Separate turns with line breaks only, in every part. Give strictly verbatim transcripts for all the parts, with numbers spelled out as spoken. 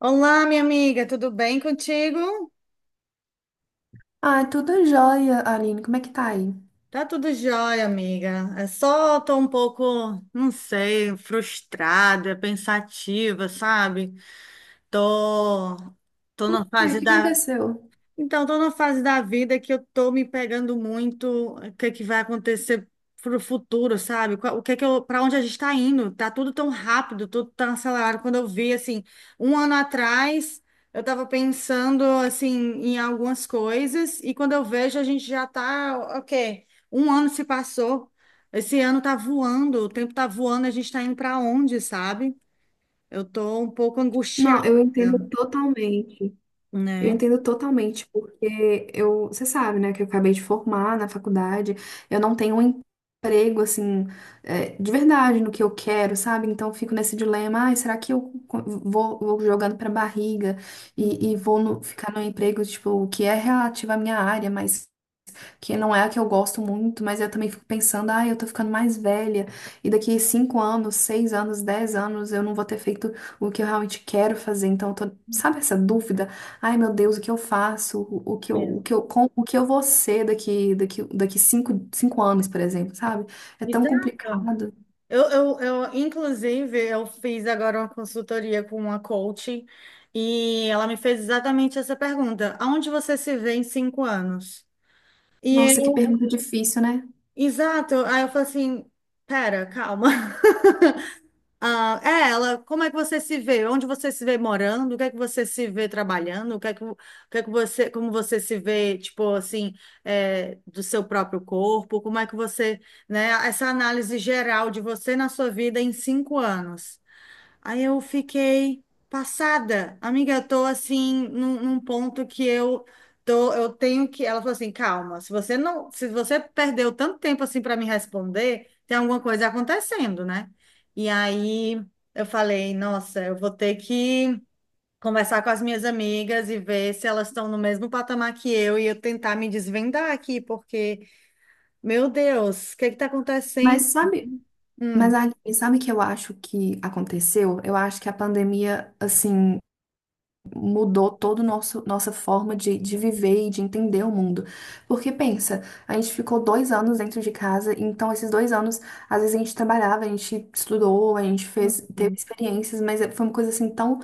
Olá, minha amiga, tudo bem contigo?
Ah, tudo jóia, Aline. Como é que tá aí?
Tá tudo jóia, amiga. É só tô um pouco, não sei, frustrada, pensativa, sabe? Tô, tô na
E aí, o
fase
que
da
aconteceu?
Então, estou numa fase da vida que eu estou me pegando muito, eh, o que é que vai acontecer para o futuro, sabe? Qual- O que é que eu, para onde a gente está indo? Tá tudo tão rápido, tudo tão acelerado. Quando eu vi, assim, um ano atrás, eu estava pensando, assim, em algumas coisas e quando eu vejo, a gente já está, ok, um ano se passou, esse ano tá voando, o tempo tá voando, a gente está indo para onde, sabe? Eu estou um pouco angustiada,
Não, eu entendo totalmente. Eu
né?
entendo totalmente, porque eu, você sabe, né, que eu acabei de formar na faculdade, eu não tenho um emprego, assim, é, de verdade no que eu quero, sabe? Então eu fico nesse dilema, ai, será que eu co- vou, vou jogando pra barriga e, e vou no- ficar no emprego, tipo, que é relativo à minha área, mas que não é a que eu gosto muito, mas eu também fico pensando, ah, eu tô ficando mais velha, e daqui cinco anos, seis anos, dez anos, eu não vou ter feito o que eu realmente quero fazer. Então, eu tô, sabe essa dúvida? Ai, meu Deus, o que eu faço? O, o que eu,
Mesmo.
o que eu, com, o que eu vou ser daqui, daqui, daqui cinco, cinco anos, por exemplo, sabe? É tão
Exato.
complicado.
Eu, eu, eu, inclusive, eu fiz agora uma consultoria com uma coach e ela me fez exatamente essa pergunta: aonde você se vê em cinco anos? E
Nossa, que
eu,
pergunta difícil, né?
exato, aí eu falei assim: pera, calma. Ah, é, ela, como é que você se vê? Onde você se vê morando? O que é que você se vê trabalhando? O que é que, o que é que você, como você se vê, tipo assim, é, do seu próprio corpo? Como é que você, né, essa análise geral de você na sua vida em cinco anos? Aí eu fiquei passada. Amiga, eu tô assim num, num ponto que eu tô, eu tenho que. Ela falou assim: calma, se você não, se você perdeu tanto tempo assim para me responder, tem alguma coisa acontecendo, né? E aí eu falei, nossa, eu vou ter que conversar com as minhas amigas e ver se elas estão no mesmo patamar que eu e eu tentar me desvendar aqui, porque, meu Deus, o que que tá
Mas
acontecendo?
sabe,
Hum,
mas Aline, sabe o que eu acho que aconteceu? Eu acho que a pandemia, assim, mudou toda nossa forma de, de viver e de entender o mundo. Porque pensa, a gente ficou dois anos dentro de casa, então esses dois anos, às vezes a gente trabalhava, a gente estudou, a gente fez, teve
Uhum,
experiências, mas é- foi uma coisa assim tão.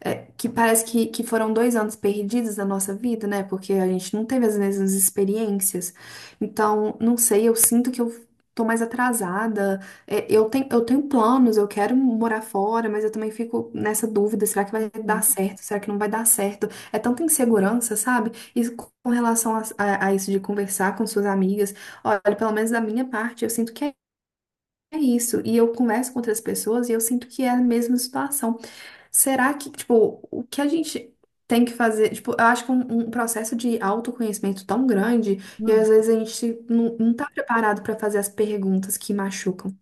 é, Que parece que, que foram dois anos perdidos da nossa vida, né? Porque a gente não teve as mesmas experiências. Então, não sei, eu sinto que eu tô mais atrasada. É, Eu tenho, eu tenho planos, eu quero morar fora, mas eu também fico nessa dúvida, será que vai dar certo? Será que não vai dar certo? É tanta insegurança, sabe? E com relação a, a- a isso de conversar com suas amigas, olha, pelo menos da minha parte, eu sinto que é é isso. E eu converso com outras pessoas e eu sinto que é a mesma situação. Será que, tipo, o que a gente tem que fazer? Tipo, eu acho que um, um processo de autoconhecimento tão grande, e
Uhum.
às vezes a gente não, não tá preparado para fazer as perguntas que machucam.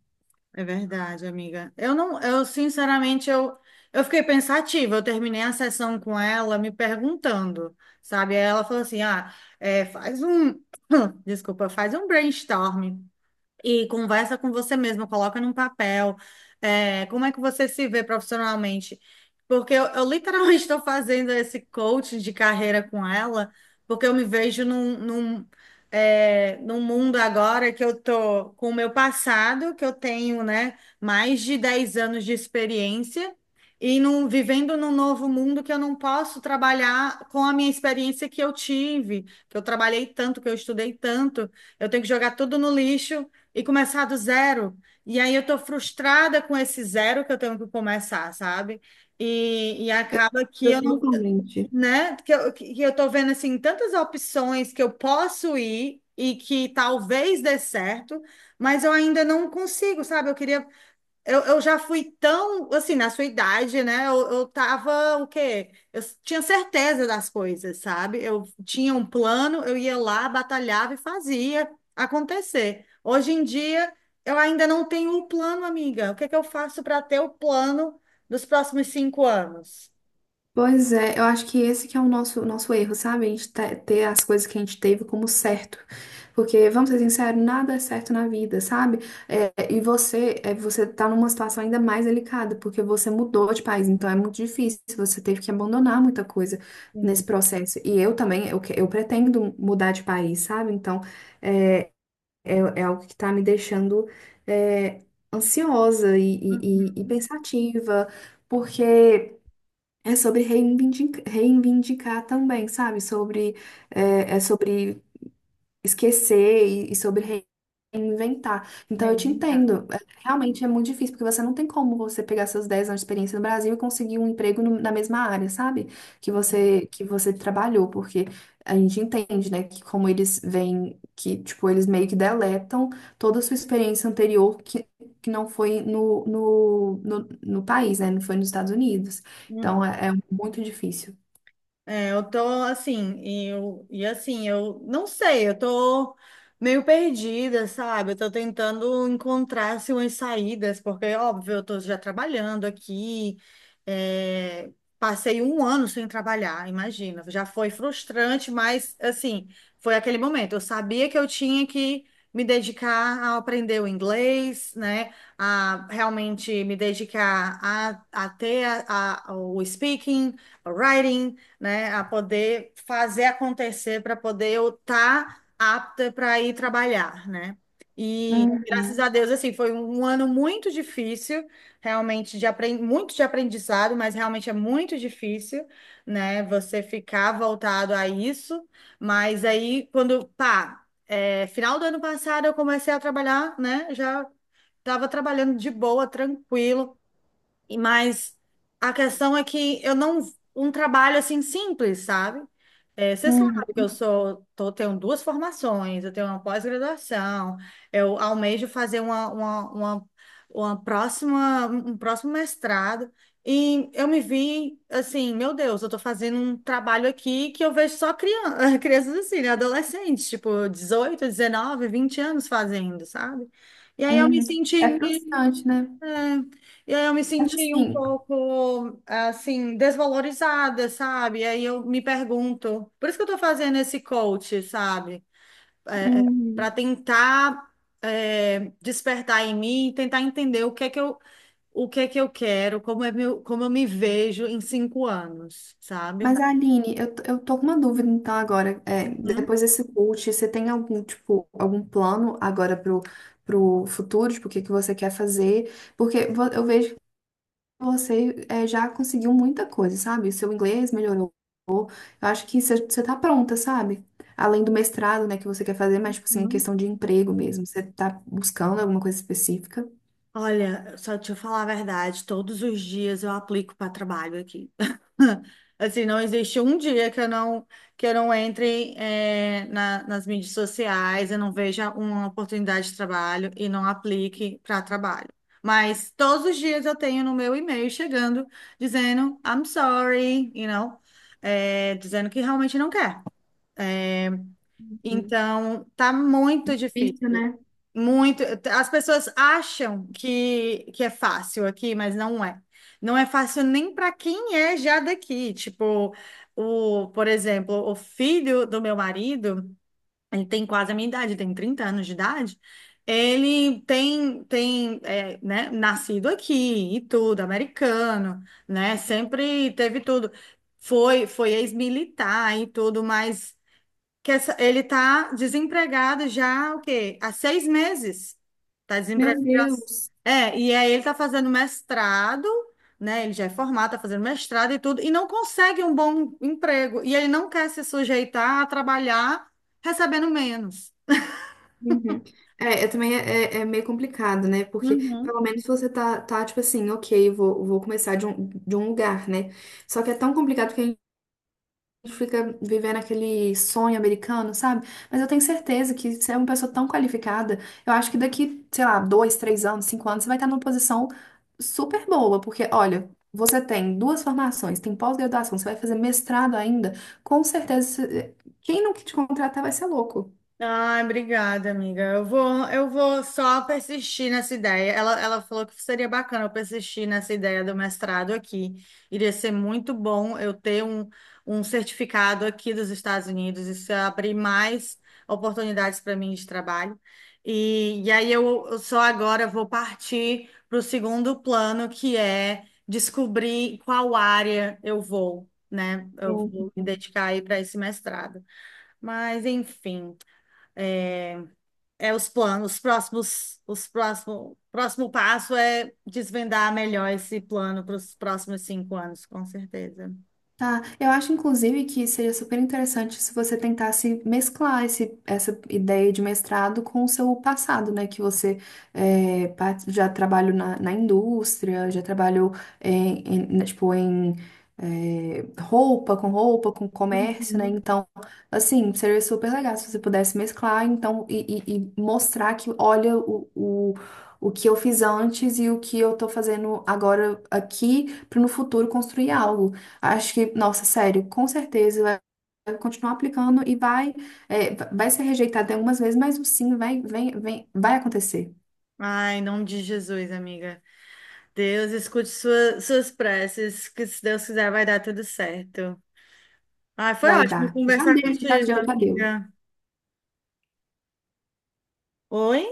É verdade, amiga. Eu não, eu sinceramente eu, eu fiquei pensativa. Eu terminei a sessão com ela me perguntando, sabe? Aí ela falou assim: "Ah, é, faz um, desculpa, faz um brainstorm e conversa com você mesmo, coloca num papel, é, como é que você se vê profissionalmente. Porque eu, eu literalmente estou fazendo esse coaching de carreira com ela, porque eu me vejo num, num, é, num mundo agora que eu tô com o meu passado, que eu tenho, né, mais de dez anos de experiência. E num, vivendo num novo mundo que eu não posso trabalhar com a minha experiência que eu tive, que eu trabalhei tanto, que eu estudei tanto, eu tenho que jogar tudo no lixo e começar do zero. E aí eu tô frustrada com esse zero que eu tenho que começar, sabe? E, e acaba que eu não,
Totalmente.
né? Que eu, que eu tô vendo assim tantas opções que eu posso ir e que talvez dê certo, mas eu ainda não consigo, sabe? Eu queria eu, eu já fui tão, assim, na sua idade, né? Eu, eu tava, o quê? Eu s- tinha certeza das coisas, sabe? Eu tinha um plano, eu ia lá, batalhava e fazia acontecer. Hoje em dia, eu ainda não tenho um plano, amiga. O que é que eu faço para ter o plano dos próximos cinco anos?
Pois é, eu acho que esse que é o nosso, nosso erro, sabe? A gente te- ter as coisas que a gente teve como certo. Porque, vamos ser sinceros, nada é certo na vida, sabe? É, e você, é, você tá numa situação ainda mais delicada, porque você mudou de país, então é muito difícil, você teve que abandonar muita coisa nesse
Sim.
processo. E eu também, eu, que- eu pretendo mudar de país, sabe? Então, é, é algo que tá me deixando, é, ansiosa e,
Uhum.
e e- e pensativa, porque. É sobre reivindicar, reivindicar também, sabe? Sobre, é, é sobre esquecer e, e sobre reinventar. Então eu te
Reinventar.
entendo. É, Realmente é muito difícil, porque você não tem como você pegar seus dez anos de experiência no Brasil e conseguir um emprego no- na mesma área, sabe? Que você que você trabalhou, porque a gente entende, né, que como eles vêm, que tipo, eles meio que deletam toda a sua experiência anterior que que não foi no, no, no, no país, né? Não foi nos Estados Unidos.
Uhum.
Então é, é muito difícil.
É, eu tô assim, e eu, e assim, eu não sei, eu tô meio perdida, sabe? Eu tô tentando encontrar assim, umas saídas, porque, óbvio, eu tô já trabalhando aqui, é, passei um ano sem trabalhar, imagina, já foi frustrante, mas assim, foi aquele momento. Eu sabia que eu tinha que me dedicar a aprender o inglês, né? A realmente me dedicar a, a ter a, a- o speaking, o Writing, né, a poder fazer acontecer para poder eu estar apta para ir trabalhar, né? E graças
Uhum,
a Deus, assim, foi um ano muito difícil, realmente de apren- muito de aprendizado, mas realmente é muito difícil, né? Você ficar voltado a isso, mas aí quando, pá, é, final do ano passado eu comecei a trabalhar, né? Já estava trabalhando de boa, tranquilo e- Mas a questão é que eu não. Um trabalho assim simples, sabe? É, você sabe que
uhum,
eu sou, tô, tenho duas formações, eu tenho uma pós-graduação, eu almejo fazer uma, uma, uma, uma próxima, um próximo mestrado, e eu me vi assim, meu Deus, eu tô fazendo um trabalho aqui que eu vejo só criança, crianças assim, né? Adolescentes, tipo dezoito dezenove vinte anos fazendo, sabe? E aí eu me
uhum.
senti
É
meio
frustrante, né?
é, e aí eu me
Mas
senti um
assim,
pouco, assim, desvalorizada, sabe? Aí eu me pergunto, por isso que eu tô fazendo esse coach, sabe? É, para
Uhum.
tentar, é, despertar em mim, tentar entender o que é que eu, o que é que eu quero, como é meu, como eu me vejo em cinco anos,
mas
sabe?
Aline, eu, t- eu tô com uma dúvida então agora. É,
Uhum.
depois desse coach, você tem algum tipo, algum plano agora pro, pro futuro, tipo, o que que você quer fazer? Porque vo- eu vejo que você é, já conseguiu muita coisa, sabe? Seu inglês melhorou. Eu acho que você você tá pronta, sabe? Além do mestrado, né, que você quer fazer, mas tipo assim,
Uhum.
questão de emprego mesmo. Você tá buscando alguma coisa específica?
Olha, só te falar a verdade, todos os dias eu aplico para trabalho aqui. Assim, não existe um dia que eu não, que eu não, entre, eh, na- nas mídias sociais, eu não veja uma oportunidade de trabalho e não aplique para trabalho. Mas todos os dias eu tenho no meu e-mail chegando dizendo I'm sorry, you know, eh, dizendo que realmente não quer.
Hum.
Então, tá muito difícil.
Difícil, né?
Muito. As pessoas acham que, que é fácil aqui, mas não é. Não é fácil nem para quem é já daqui. Tipo, o, por exemplo, o filho do meu marido, ele tem quase a minha idade, tem trinta anos de idade. Ele tem, tem, é, né, nascido aqui e tudo, americano, né? Sempre teve tudo. Foi, foi ex-militar e tudo, mas que essa- ele tá desempregado já, o quê? Há seis meses. Tá desempregado
Meu
já.
Deus!
É, e aí ele tá fazendo mestrado, né? Ele já é formado, tá fazendo mestrado e tudo, e não consegue um bom emprego. E ele não quer se sujeitar a trabalhar recebendo menos.
Uhum. É, é também é, é é meio complicado, né? Porque
Uhum.
pelo menos você tá, tá tipo assim, ok, vou, vou começar de um, de um lugar, né? Só que é tão complicado que a gente fica vivendo aquele sonho americano, sabe? Mas eu tenho certeza que você é uma pessoa tão qualificada, eu acho que daqui, sei lá, dois, três anos, cinco anos, você vai estar numa posição super boa, porque olha. Você tem duas formações, tem pós-graduação, você vai fazer mestrado ainda, com certeza, você- quem não te contratar vai ser louco.
Ai, obrigada, amiga. Eu vou, eu vou só persistir nessa ideia. Ela, ela falou que seria bacana eu persistir nessa ideia do mestrado aqui. Iria ser muito bom eu ter um, um certificado aqui dos Estados Unidos. Isso ia abrir mais oportunidades para mim de trabalho. E, e aí eu, eu só agora vou partir para o segundo plano, que é descobrir qual área eu vou, né? Eu vou me dedicar aí para esse mestrado. Mas, enfim. é, é os planos, os próximos, os próximo, próximo passo é desvendar melhor esse plano para os próximos cinco anos, com certeza.
Tá, eu acho inclusive que seria super interessante se você tentasse mesclar esse, essa ideia de mestrado com o seu passado, né? Que você é, pa- já trabalhou na, na indústria, já trabalhou em, em- né, tipo, em é, roupa, com roupa, com comércio, né?
Uhum.
Então, assim, seria super legal se você pudesse mesclar, então, e, e- e mostrar que, olha, o, o, o que eu fiz antes e o que eu tô fazendo agora aqui, para no futuro construir algo. Acho que, nossa, sério, com certeza vai vai continuar aplicando e vai, é, vai ser rejeitado algumas vezes, mas o sim vai, vem, vem, vai acontecer,
Ai, em nome de Jesus, amiga. Deus, escute sua- suas preces, que se Deus quiser vai dar tudo certo. Ai, foi
vai
ótimo
dar. Já
conversar
deu, já
contigo,
deu, já deu.
amiga. Oi?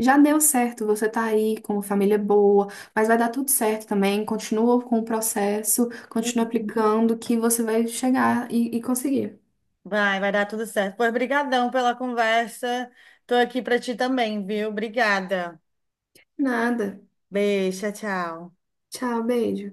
Já deu certo, você tá aí com uma família boa, mas vai dar tudo certo também. Continua com o processo, continua aplicando, que você vai chegar e e conseguir.
Vai, vai dar tudo certo. Pois, brigadão pela conversa. Tô aqui para ti também, viu? Obrigada.
Nada.
Beijo, tchau, tchau.
Tchau, beijo.